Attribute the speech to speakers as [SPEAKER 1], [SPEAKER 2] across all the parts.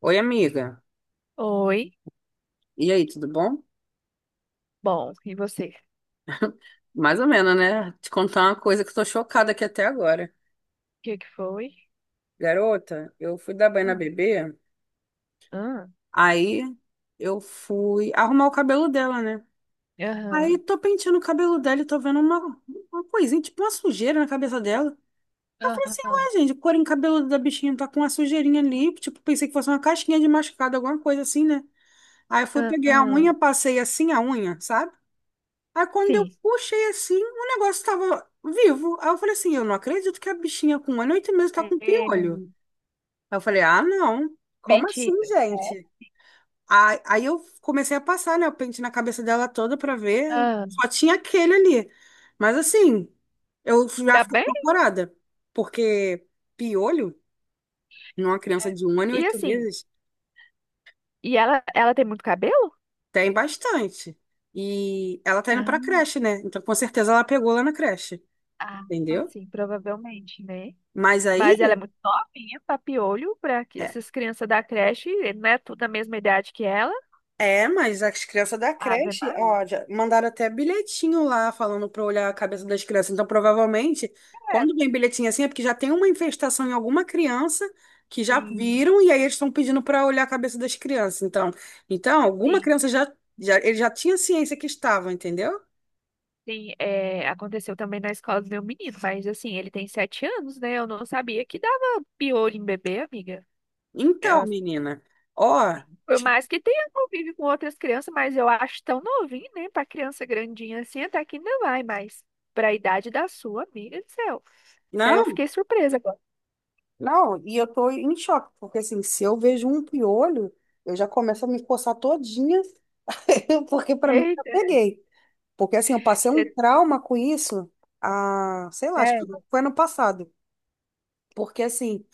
[SPEAKER 1] Oi, amiga.
[SPEAKER 2] Oi.
[SPEAKER 1] E aí, tudo bom?
[SPEAKER 2] Bom, e você? O
[SPEAKER 1] Mais ou menos, né? Te contar uma coisa que eu tô chocada aqui até agora.
[SPEAKER 2] que que foi?
[SPEAKER 1] Garota, eu fui dar banho na
[SPEAKER 2] Hum.
[SPEAKER 1] bebê,
[SPEAKER 2] Aham,
[SPEAKER 1] aí eu fui arrumar o cabelo dela, né? Aí
[SPEAKER 2] aham,
[SPEAKER 1] tô penteando o cabelo dela e tô vendo uma coisinha, tipo uma sujeira na cabeça dela. Eu falei assim,
[SPEAKER 2] aham,
[SPEAKER 1] ué, gente, o couro cabeludo da bichinha tá com uma sujeirinha ali. Tipo, pensei que fosse uma casquinha de machucado, alguma coisa assim, né? Aí eu fui, peguei a unha,
[SPEAKER 2] aham.
[SPEAKER 1] passei assim a unha, sabe? Aí quando eu
[SPEAKER 2] Sim.
[SPEAKER 1] puxei assim, o negócio tava vivo. Aí eu falei assim, eu não acredito que a bichinha com 1 ano e 8 meses tá com
[SPEAKER 2] É,
[SPEAKER 1] piolho. Aí eu falei, ah, não. Como assim,
[SPEAKER 2] mentira. É,
[SPEAKER 1] gente? Aí eu comecei a passar, né, o pente na cabeça dela toda pra ver.
[SPEAKER 2] ah,
[SPEAKER 1] Só tinha aquele ali. Mas assim, eu já
[SPEAKER 2] tá
[SPEAKER 1] fiquei
[SPEAKER 2] bem?
[SPEAKER 1] apavorada. Porque piolho, numa criança
[SPEAKER 2] É.
[SPEAKER 1] de um ano e
[SPEAKER 2] E
[SPEAKER 1] oito
[SPEAKER 2] assim,
[SPEAKER 1] meses,
[SPEAKER 2] e ela tem muito cabelo?
[SPEAKER 1] tem bastante. E ela tá indo pra
[SPEAKER 2] Ah,
[SPEAKER 1] creche, né? Então com certeza ela pegou lá na creche,
[SPEAKER 2] ah,
[SPEAKER 1] entendeu?
[SPEAKER 2] assim, provavelmente, né?
[SPEAKER 1] Mas aí.
[SPEAKER 2] Mas ela é muito novinha, papiolho, pra que
[SPEAKER 1] É,
[SPEAKER 2] essas crianças da creche, não é tudo da mesma idade que ela.
[SPEAKER 1] é, mas as crianças da
[SPEAKER 2] Ave
[SPEAKER 1] creche,
[SPEAKER 2] Maria,
[SPEAKER 1] ó, já mandaram até bilhetinho lá falando pra olhar a cabeça das crianças. Então, provavelmente, quando vem bilhetinho assim, é porque já tem uma infestação em alguma criança que já
[SPEAKER 2] sim,
[SPEAKER 1] viram e aí eles estão pedindo pra olhar a cabeça das crianças. Então alguma
[SPEAKER 2] sim.
[SPEAKER 1] criança ele já tinha ciência que estava, entendeu?
[SPEAKER 2] Sim, é, aconteceu também na escola do meu menino, mas assim, ele tem sete anos, né? Eu não sabia que dava piolho em bebê, amiga.
[SPEAKER 1] Então,
[SPEAKER 2] Eu-
[SPEAKER 1] menina, ó,
[SPEAKER 2] por
[SPEAKER 1] ti-
[SPEAKER 2] mais que tenha convívio com outras crianças, mas eu acho tão novinho, né? Pra criança grandinha assim, até que ainda vai, mas pra idade da sua, amiga do céu. Até eu
[SPEAKER 1] não,
[SPEAKER 2] fiquei surpresa agora.
[SPEAKER 1] não, e eu tô em choque, porque assim, se eu vejo um piolho, eu já começo a me coçar todinha, porque pra mim eu já
[SPEAKER 2] Eita,
[SPEAKER 1] peguei. Porque assim, eu passei um
[SPEAKER 2] é
[SPEAKER 1] trauma com isso, sei lá, acho que
[SPEAKER 2] sério?
[SPEAKER 1] foi ano passado. Porque assim,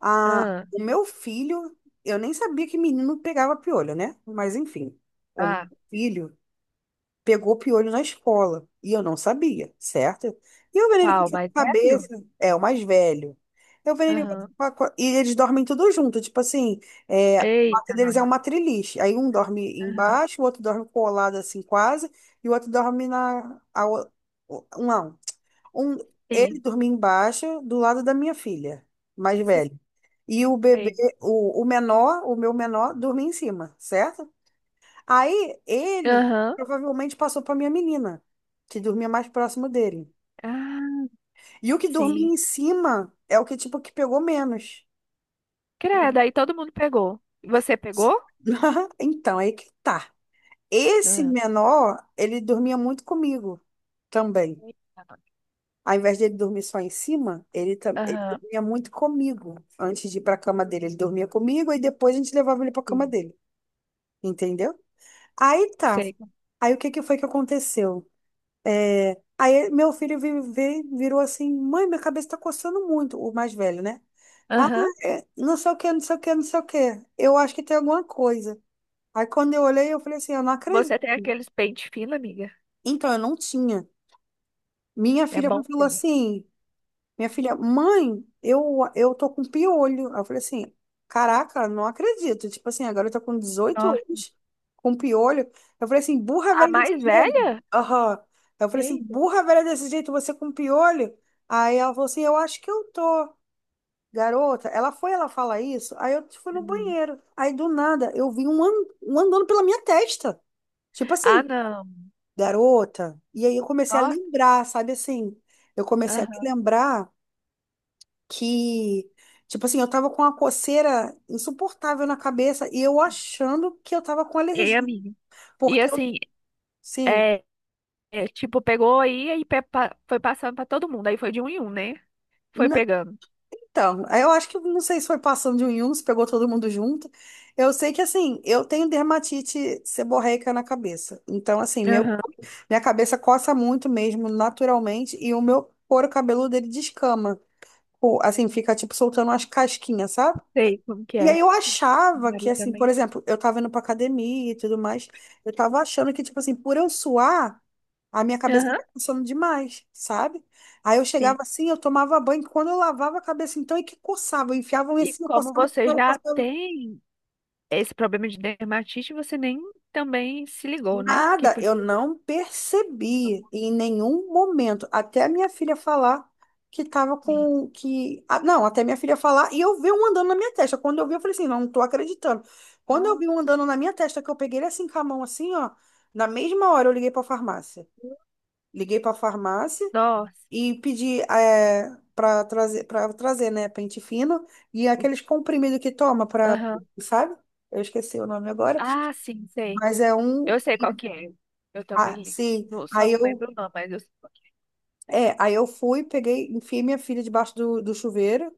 [SPEAKER 1] a,
[SPEAKER 2] Ah,
[SPEAKER 1] o meu filho, eu nem sabia que menino pegava piolho, né? Mas enfim, o meu
[SPEAKER 2] ah,
[SPEAKER 1] filho pegou piolho na escola. E eu não sabia, certo? E eu vendo ele com
[SPEAKER 2] qual?
[SPEAKER 1] essa
[SPEAKER 2] Mais
[SPEAKER 1] cabeça,
[SPEAKER 2] velho?
[SPEAKER 1] é o mais velho. Eu vendo ele com
[SPEAKER 2] Aham.
[SPEAKER 1] essa e eles dormem tudo junto, tipo assim, é, a quarto
[SPEAKER 2] Eita,
[SPEAKER 1] deles
[SPEAKER 2] nós.
[SPEAKER 1] é uma triliche. Aí um dorme
[SPEAKER 2] Aham.
[SPEAKER 1] embaixo, o outro dorme colado assim quase, e o outro dorme na a o- não, um ele
[SPEAKER 2] Sim,
[SPEAKER 1] dormia embaixo do lado da minha filha, mais velha. E o bebê,
[SPEAKER 2] sei.
[SPEAKER 1] o menor, o meu menor, dormia em cima, certo? Aí ele
[SPEAKER 2] Aham.
[SPEAKER 1] provavelmente passou para minha menina, que dormia mais próximo dele.
[SPEAKER 2] Ah,
[SPEAKER 1] E o que dormia
[SPEAKER 2] sim.
[SPEAKER 1] em cima é o que tipo que pegou menos.
[SPEAKER 2] Credo, aí todo mundo pegou. Você pegou?
[SPEAKER 1] Então, aí que tá. Esse
[SPEAKER 2] Hum.
[SPEAKER 1] menor, ele dormia muito comigo também. Ao invés dele dormir só em cima, ele
[SPEAKER 2] Aham.
[SPEAKER 1] dormia muito comigo antes de ir para a cama dele. Ele dormia comigo e depois a gente levava ele para a cama
[SPEAKER 2] Sim.
[SPEAKER 1] dele. Entendeu? Aí tá.
[SPEAKER 2] Sei.
[SPEAKER 1] Aí o que que foi que aconteceu? É, aí meu filho virou assim, mãe, minha cabeça tá coçando muito, o mais velho, né? Ah,
[SPEAKER 2] Aham.
[SPEAKER 1] é, não sei o que, não sei o que, não sei o que. Eu acho que tem alguma coisa. Aí quando eu olhei, eu falei assim, eu não acredito.
[SPEAKER 2] Você tem aqueles pente fino, amiga?
[SPEAKER 1] Então, eu não tinha. Minha
[SPEAKER 2] É
[SPEAKER 1] filha
[SPEAKER 2] bom
[SPEAKER 1] falou
[SPEAKER 2] ter.
[SPEAKER 1] assim, minha filha, mãe, eu tô com piolho. Aí eu falei assim, caraca, não acredito. Tipo assim, agora eu tô com dezoito
[SPEAKER 2] Nossa.
[SPEAKER 1] anos, com piolho. Eu falei assim, burra
[SPEAKER 2] A
[SPEAKER 1] velha desse
[SPEAKER 2] mais
[SPEAKER 1] jeito.
[SPEAKER 2] velha?
[SPEAKER 1] Aham. Eu falei assim,
[SPEAKER 2] Eita.
[SPEAKER 1] burra velha desse jeito, você com piolho? Aí ela falou assim, eu acho que eu tô. Garota, ela foi, ela fala isso. Aí eu fui no
[SPEAKER 2] Hum.
[SPEAKER 1] banheiro. Aí do nada, eu vi um andando pela minha testa. Tipo
[SPEAKER 2] Ah,
[SPEAKER 1] assim,
[SPEAKER 2] não.
[SPEAKER 1] garota. E aí eu comecei a
[SPEAKER 2] Nossa,
[SPEAKER 1] lembrar, sabe assim? Eu comecei a
[SPEAKER 2] aham,
[SPEAKER 1] lembrar que, tipo assim, eu tava com uma coceira insuportável na cabeça e eu achando que eu tava com
[SPEAKER 2] ei,
[SPEAKER 1] alergia,
[SPEAKER 2] amiga. E
[SPEAKER 1] porque eu,
[SPEAKER 2] assim,
[SPEAKER 1] sim,
[SPEAKER 2] é, é, tipo, pegou aí e foi passando pra todo mundo. Aí foi de um em um, né? Foi
[SPEAKER 1] na-
[SPEAKER 2] pegando.
[SPEAKER 1] então, aí eu acho que, não sei se foi passando de um em um, se pegou todo mundo junto, eu sei que, assim, eu tenho dermatite seborreica na cabeça, então, assim, meu,
[SPEAKER 2] Aham.
[SPEAKER 1] minha cabeça coça muito mesmo, naturalmente, e o meu couro cabeludo, ele descama. Assim, fica, tipo, soltando umas casquinhas, sabe?
[SPEAKER 2] Sei como que
[SPEAKER 1] E
[SPEAKER 2] é.
[SPEAKER 1] aí eu
[SPEAKER 2] Meu
[SPEAKER 1] achava que,
[SPEAKER 2] marido
[SPEAKER 1] assim, por
[SPEAKER 2] também.
[SPEAKER 1] exemplo, eu tava indo pra academia e tudo mais, eu tava achando que, tipo assim, por eu suar, a minha cabeça tava
[SPEAKER 2] Aham.
[SPEAKER 1] funcionando demais, sabe? Aí eu
[SPEAKER 2] Sim.
[SPEAKER 1] chegava assim, eu tomava banho, quando eu lavava a cabeça, então, e que coçava, eu enfiava um
[SPEAKER 2] E
[SPEAKER 1] assim, eu
[SPEAKER 2] como
[SPEAKER 1] coçava.
[SPEAKER 2] você já tem. Esse problema de dermatite você nem também se ligou, né? Que
[SPEAKER 1] Nada, eu
[SPEAKER 2] podia.
[SPEAKER 1] não percebi em nenhum momento, até a minha filha falar que tava
[SPEAKER 2] Sim.
[SPEAKER 1] com que, ah, não, até minha filha falar e eu vi um andando na minha testa. Quando eu vi, eu falei assim, não, não tô acreditando. Quando eu vi
[SPEAKER 2] Nossa.
[SPEAKER 1] um andando na minha testa, que eu peguei ele assim com a mão assim, ó, na mesma hora eu liguei pra farmácia. Liguei pra farmácia
[SPEAKER 2] Nossa.
[SPEAKER 1] e pedi para trazer, né, pente fino e aqueles comprimidos que toma para,
[SPEAKER 2] Aham.
[SPEAKER 1] sabe? Eu esqueci o nome agora,
[SPEAKER 2] Ah, sim, sei.
[SPEAKER 1] mas é um
[SPEAKER 2] Eu sei qual que é. Eu também
[SPEAKER 1] ah,
[SPEAKER 2] li.
[SPEAKER 1] sim.
[SPEAKER 2] Não, Só
[SPEAKER 1] Aí
[SPEAKER 2] não
[SPEAKER 1] eu,
[SPEAKER 2] lembro não, mas eu sei qual que
[SPEAKER 1] é, aí eu fui, peguei, enfiei minha filha debaixo do chuveiro.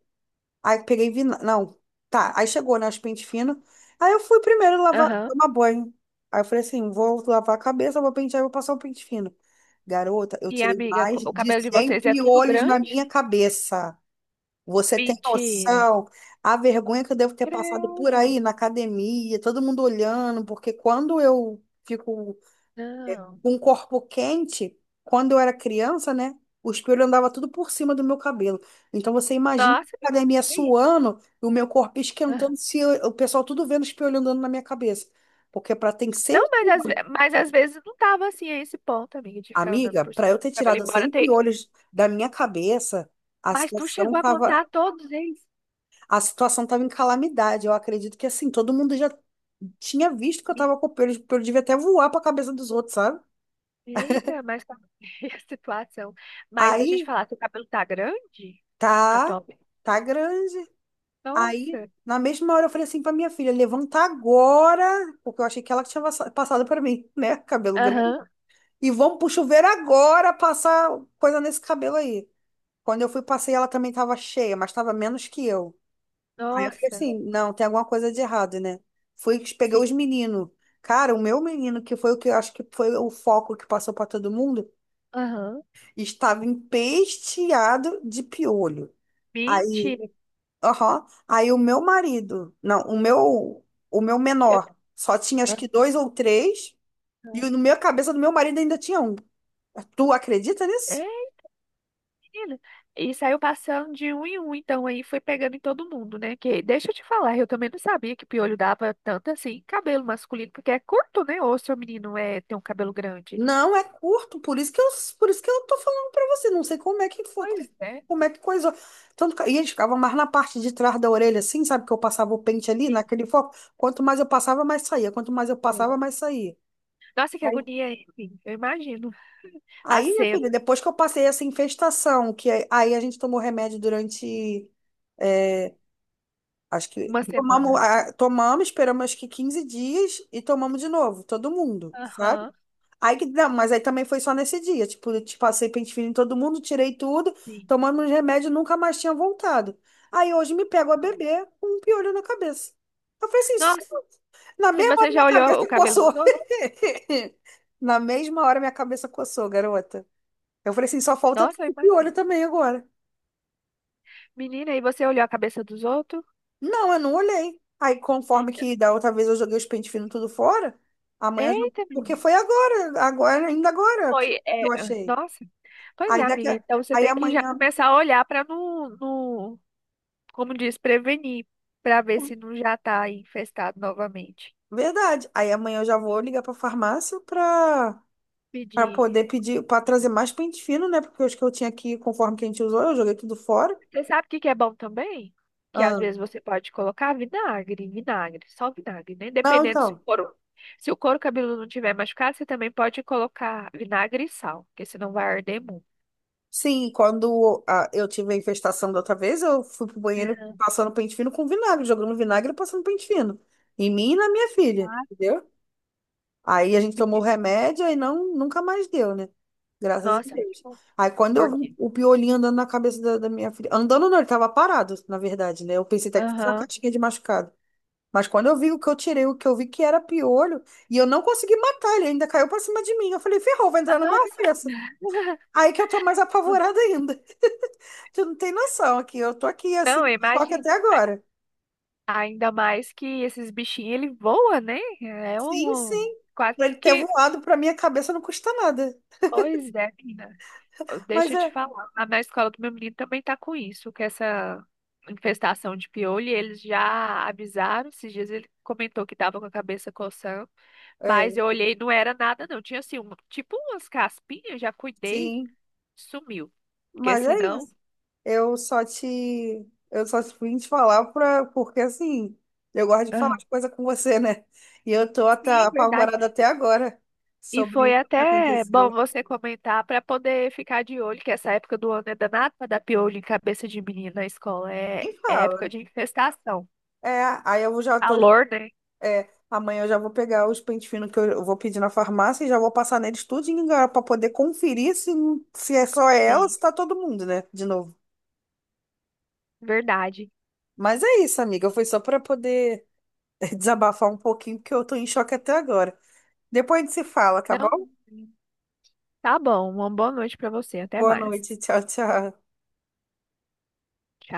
[SPEAKER 1] Aí peguei, vi, não, tá. Aí chegou, né, os pente fino. Aí eu fui primeiro
[SPEAKER 2] é.
[SPEAKER 1] lavar,
[SPEAKER 2] Aham.
[SPEAKER 1] tomar banho. Aí eu falei assim, vou lavar a cabeça, vou pentear, vou passar o pente fino. Garota, eu
[SPEAKER 2] E
[SPEAKER 1] tirei
[SPEAKER 2] amiga,
[SPEAKER 1] mais
[SPEAKER 2] o
[SPEAKER 1] de
[SPEAKER 2] cabelo de
[SPEAKER 1] 100
[SPEAKER 2] vocês é tudo
[SPEAKER 1] piolhos na
[SPEAKER 2] grande?
[SPEAKER 1] minha cabeça. Você tem
[SPEAKER 2] Mentira.
[SPEAKER 1] noção? A vergonha que eu devo ter passado por
[SPEAKER 2] Credo.
[SPEAKER 1] aí na academia, todo mundo olhando, porque quando eu fico
[SPEAKER 2] Não.
[SPEAKER 1] um corpo quente, quando eu era criança, né? O espelho andava tudo por cima do meu cabelo. Então você imagina
[SPEAKER 2] Nossa,
[SPEAKER 1] a academia
[SPEAKER 2] que isso?
[SPEAKER 1] suando e o meu corpo esquentando,
[SPEAKER 2] Aham.
[SPEAKER 1] se eu- o pessoal tudo vendo o espelho andando na minha cabeça. Porque para ter
[SPEAKER 2] Não,
[SPEAKER 1] sempre,
[SPEAKER 2] mas mas às vezes não tava assim a esse ponto, amiga, de ficar andando
[SPEAKER 1] amiga,
[SPEAKER 2] por
[SPEAKER 1] para
[SPEAKER 2] cima
[SPEAKER 1] eu
[SPEAKER 2] do
[SPEAKER 1] ter
[SPEAKER 2] cabelo,
[SPEAKER 1] tirado
[SPEAKER 2] embora
[SPEAKER 1] 100
[SPEAKER 2] tenha.
[SPEAKER 1] piolhos da minha cabeça, a
[SPEAKER 2] Mas tu
[SPEAKER 1] situação
[SPEAKER 2] chegou a
[SPEAKER 1] tava,
[SPEAKER 2] contar todos eles?
[SPEAKER 1] a situação tava em calamidade. Eu acredito que assim, todo mundo já tinha visto que eu tava com piolho, o piolho devia até voar para a cabeça dos outros, sabe?
[SPEAKER 2] Eita, mas tá a situação. Mas deixa eu te
[SPEAKER 1] Aí,
[SPEAKER 2] falar, seu cabelo tá grande
[SPEAKER 1] tá.
[SPEAKER 2] atualmente?
[SPEAKER 1] Tá grande. Aí,
[SPEAKER 2] Nossa.
[SPEAKER 1] na mesma hora, eu falei assim pra minha filha: levanta agora, porque eu achei que ela tinha passado pra mim, né? Cabelo grande.
[SPEAKER 2] Aham.
[SPEAKER 1] E vamos pro chuveiro agora passar coisa nesse cabelo aí. Quando eu fui, passei, ela também tava cheia, mas tava menos que eu. Aí eu falei
[SPEAKER 2] Nossa.
[SPEAKER 1] assim: não, tem alguma coisa de errado, né? Fui, peguei
[SPEAKER 2] Sim.
[SPEAKER 1] os meninos. Cara, o meu menino, que foi o que eu acho que foi o foco que passou pra todo mundo,
[SPEAKER 2] Aham.
[SPEAKER 1] estava empesteado de piolho. Aí.
[SPEAKER 2] Mentira.
[SPEAKER 1] Aham. Aí o meu marido, não, o meu
[SPEAKER 2] Eu-
[SPEAKER 1] menor, só tinha acho que dois ou três, e
[SPEAKER 2] Aham.
[SPEAKER 1] no meu cabeça do meu marido ainda tinha um. Tu acredita nisso?
[SPEAKER 2] É, menina. E saiu passando de um em um, então aí foi pegando em todo mundo, né? Que, deixa eu te falar, eu também não sabia que piolho dava tanto assim em cabelo masculino, porque é curto, né? Ou seu menino é, tem um cabelo grande.
[SPEAKER 1] Não, é curto, por isso que eu, tô falando pra você, não sei como é que foi,
[SPEAKER 2] Pois é.
[SPEAKER 1] como é que coisou. Tanto, e eles ficavam mais na parte de trás da orelha, assim, sabe, que eu passava o pente ali,
[SPEAKER 2] Sim,
[SPEAKER 1] naquele foco. Quanto mais eu passava, mais saía, quanto mais eu
[SPEAKER 2] sim.
[SPEAKER 1] passava, mais saía.
[SPEAKER 2] Nossa, que agonia, hein? Eu imagino. A
[SPEAKER 1] Aí, minha
[SPEAKER 2] cena,
[SPEAKER 1] filha, depois que eu passei essa infestação, que aí a gente tomou remédio durante, é, acho que
[SPEAKER 2] uma
[SPEAKER 1] tomamos,
[SPEAKER 2] semana.
[SPEAKER 1] tomamos, esperamos acho que 15 dias e tomamos de novo, todo mundo, sabe?
[SPEAKER 2] Aham.
[SPEAKER 1] Aí que não, mas aí também foi só nesse dia, tipo, eu te passei pente fino em todo mundo, tirei tudo,
[SPEAKER 2] Sim.
[SPEAKER 1] tomamos os remédios, nunca mais tinha voltado. Aí hoje me pego a beber com um piolho na cabeça. Eu falei assim,
[SPEAKER 2] Nossa,
[SPEAKER 1] na
[SPEAKER 2] e
[SPEAKER 1] mesma
[SPEAKER 2] você
[SPEAKER 1] hora minha
[SPEAKER 2] já olhou o
[SPEAKER 1] cabeça
[SPEAKER 2] cabelo
[SPEAKER 1] coçou.
[SPEAKER 2] dos outros?
[SPEAKER 1] Na mesma hora minha cabeça coçou, garota. Eu falei assim, só falta tu
[SPEAKER 2] Nossa, eu
[SPEAKER 1] de
[SPEAKER 2] imagino.
[SPEAKER 1] olho também agora.
[SPEAKER 2] Menina, e você olhou a cabeça dos outros?
[SPEAKER 1] Não, eu não olhei. Aí, conforme que da outra vez eu joguei os pente fino tudo fora, amanhã eu jogo.
[SPEAKER 2] Eita,
[SPEAKER 1] Porque
[SPEAKER 2] menina.
[SPEAKER 1] foi agora, agora, ainda agora
[SPEAKER 2] Foi,
[SPEAKER 1] que
[SPEAKER 2] é,
[SPEAKER 1] eu achei.
[SPEAKER 2] nossa. Pois é,
[SPEAKER 1] Aí daqui
[SPEAKER 2] amiga.
[SPEAKER 1] a...
[SPEAKER 2] Então você
[SPEAKER 1] Aí
[SPEAKER 2] tem que já
[SPEAKER 1] amanhã...
[SPEAKER 2] começar a olhar para não, não, como diz, prevenir, para ver se não já tá infestado novamente.
[SPEAKER 1] Verdade. Aí amanhã eu já vou ligar pra farmácia pra
[SPEAKER 2] Pedir.
[SPEAKER 1] poder pedir, pra trazer mais pente fino, né? Porque os que eu tinha aqui, conforme que a gente usou, eu joguei tudo fora.
[SPEAKER 2] Você sabe o que que é bom também? Que às
[SPEAKER 1] Ah.
[SPEAKER 2] vezes você pode colocar vinagre, só vinagre, né?
[SPEAKER 1] Não,
[SPEAKER 2] Dependendo se o
[SPEAKER 1] então.
[SPEAKER 2] couro, se o couro cabeludo não tiver machucado, você também pode colocar vinagre e sal, porque senão vai arder muito.
[SPEAKER 1] Sim, quando eu tive a infestação da outra vez, eu fui pro banheiro
[SPEAKER 2] Aham.
[SPEAKER 1] passando pente fino com vinagre, jogando vinagre e passando pente fino. Em mim e na minha filha,
[SPEAKER 2] Ah,
[SPEAKER 1] entendeu? Aí a gente tomou
[SPEAKER 2] porque-
[SPEAKER 1] remédio e não, nunca mais deu, né? Graças a
[SPEAKER 2] nossa, que
[SPEAKER 1] Deus.
[SPEAKER 2] bom.
[SPEAKER 1] Aí quando eu
[SPEAKER 2] Por
[SPEAKER 1] vi
[SPEAKER 2] quê?
[SPEAKER 1] o piolinho andando na cabeça da minha filha. Andando não, ele tava parado, na verdade, né? Eu pensei até que fosse uma
[SPEAKER 2] Aham.
[SPEAKER 1] caixinha de machucado. Mas quando eu vi o que eu tirei, o que eu vi que era piolho, e eu não consegui matar, ele ainda caiu pra cima de mim. Eu falei, ferrou, vai
[SPEAKER 2] Ah,
[SPEAKER 1] entrar na minha
[SPEAKER 2] nossa!
[SPEAKER 1] cabeça. Aí que eu tô mais apavorada ainda. Tu não tem noção aqui. Eu tô aqui assim,
[SPEAKER 2] Não,
[SPEAKER 1] em choque
[SPEAKER 2] imagina.
[SPEAKER 1] até
[SPEAKER 2] A-
[SPEAKER 1] agora.
[SPEAKER 2] ainda mais que esses bichinhos, ele voa, né? É
[SPEAKER 1] Sim,
[SPEAKER 2] um um-
[SPEAKER 1] sim.
[SPEAKER 2] quase
[SPEAKER 1] Pra ele ter
[SPEAKER 2] que...
[SPEAKER 1] voado pra minha cabeça não custa nada.
[SPEAKER 2] Pois é, menina.
[SPEAKER 1] Mas
[SPEAKER 2] Deixa eu te
[SPEAKER 1] é,
[SPEAKER 2] falar, lá na escola do meu menino também tá com isso, com essa infestação de piolho, e eles já avisaram, esses dias ele comentou que tava com a cabeça coçando, mas
[SPEAKER 1] é,
[SPEAKER 2] eu olhei, não era nada não, tinha assim, um, tipo umas caspinhas, já cuidei,
[SPEAKER 1] sim.
[SPEAKER 2] sumiu, porque
[SPEAKER 1] Mas é
[SPEAKER 2] senão...
[SPEAKER 1] isso. Eu só te, eu só te vim te falar pra, porque assim, eu gosto de falar
[SPEAKER 2] Aham.
[SPEAKER 1] as coisas com você, né? E eu tô até
[SPEAKER 2] Sim, verdade.
[SPEAKER 1] apavorada até agora
[SPEAKER 2] E
[SPEAKER 1] sobre
[SPEAKER 2] foi
[SPEAKER 1] o que
[SPEAKER 2] até bom
[SPEAKER 1] aconteceu.
[SPEAKER 2] você comentar para poder ficar de olho, que essa época do ano é danada para dar piolho em cabeça de menino na escola. É,
[SPEAKER 1] Nem
[SPEAKER 2] é época
[SPEAKER 1] fala.
[SPEAKER 2] de infestação.
[SPEAKER 1] É, aí eu já tô
[SPEAKER 2] Calor, né?
[SPEAKER 1] É, amanhã eu já vou pegar os pente finos que eu vou pedir na farmácia e já vou passar neles tudinho para poder conferir se, se é só ela,
[SPEAKER 2] Sim,
[SPEAKER 1] se tá todo mundo, né? De novo.
[SPEAKER 2] verdade.
[SPEAKER 1] Mas é isso, amiga. Foi só para poder desabafar um pouquinho, porque eu tô em choque até agora. Depois a gente se fala, tá bom?
[SPEAKER 2] Não, tá bom. Uma boa noite pra você. Até
[SPEAKER 1] Boa
[SPEAKER 2] mais.
[SPEAKER 1] noite. Tchau, tchau.
[SPEAKER 2] Tchau.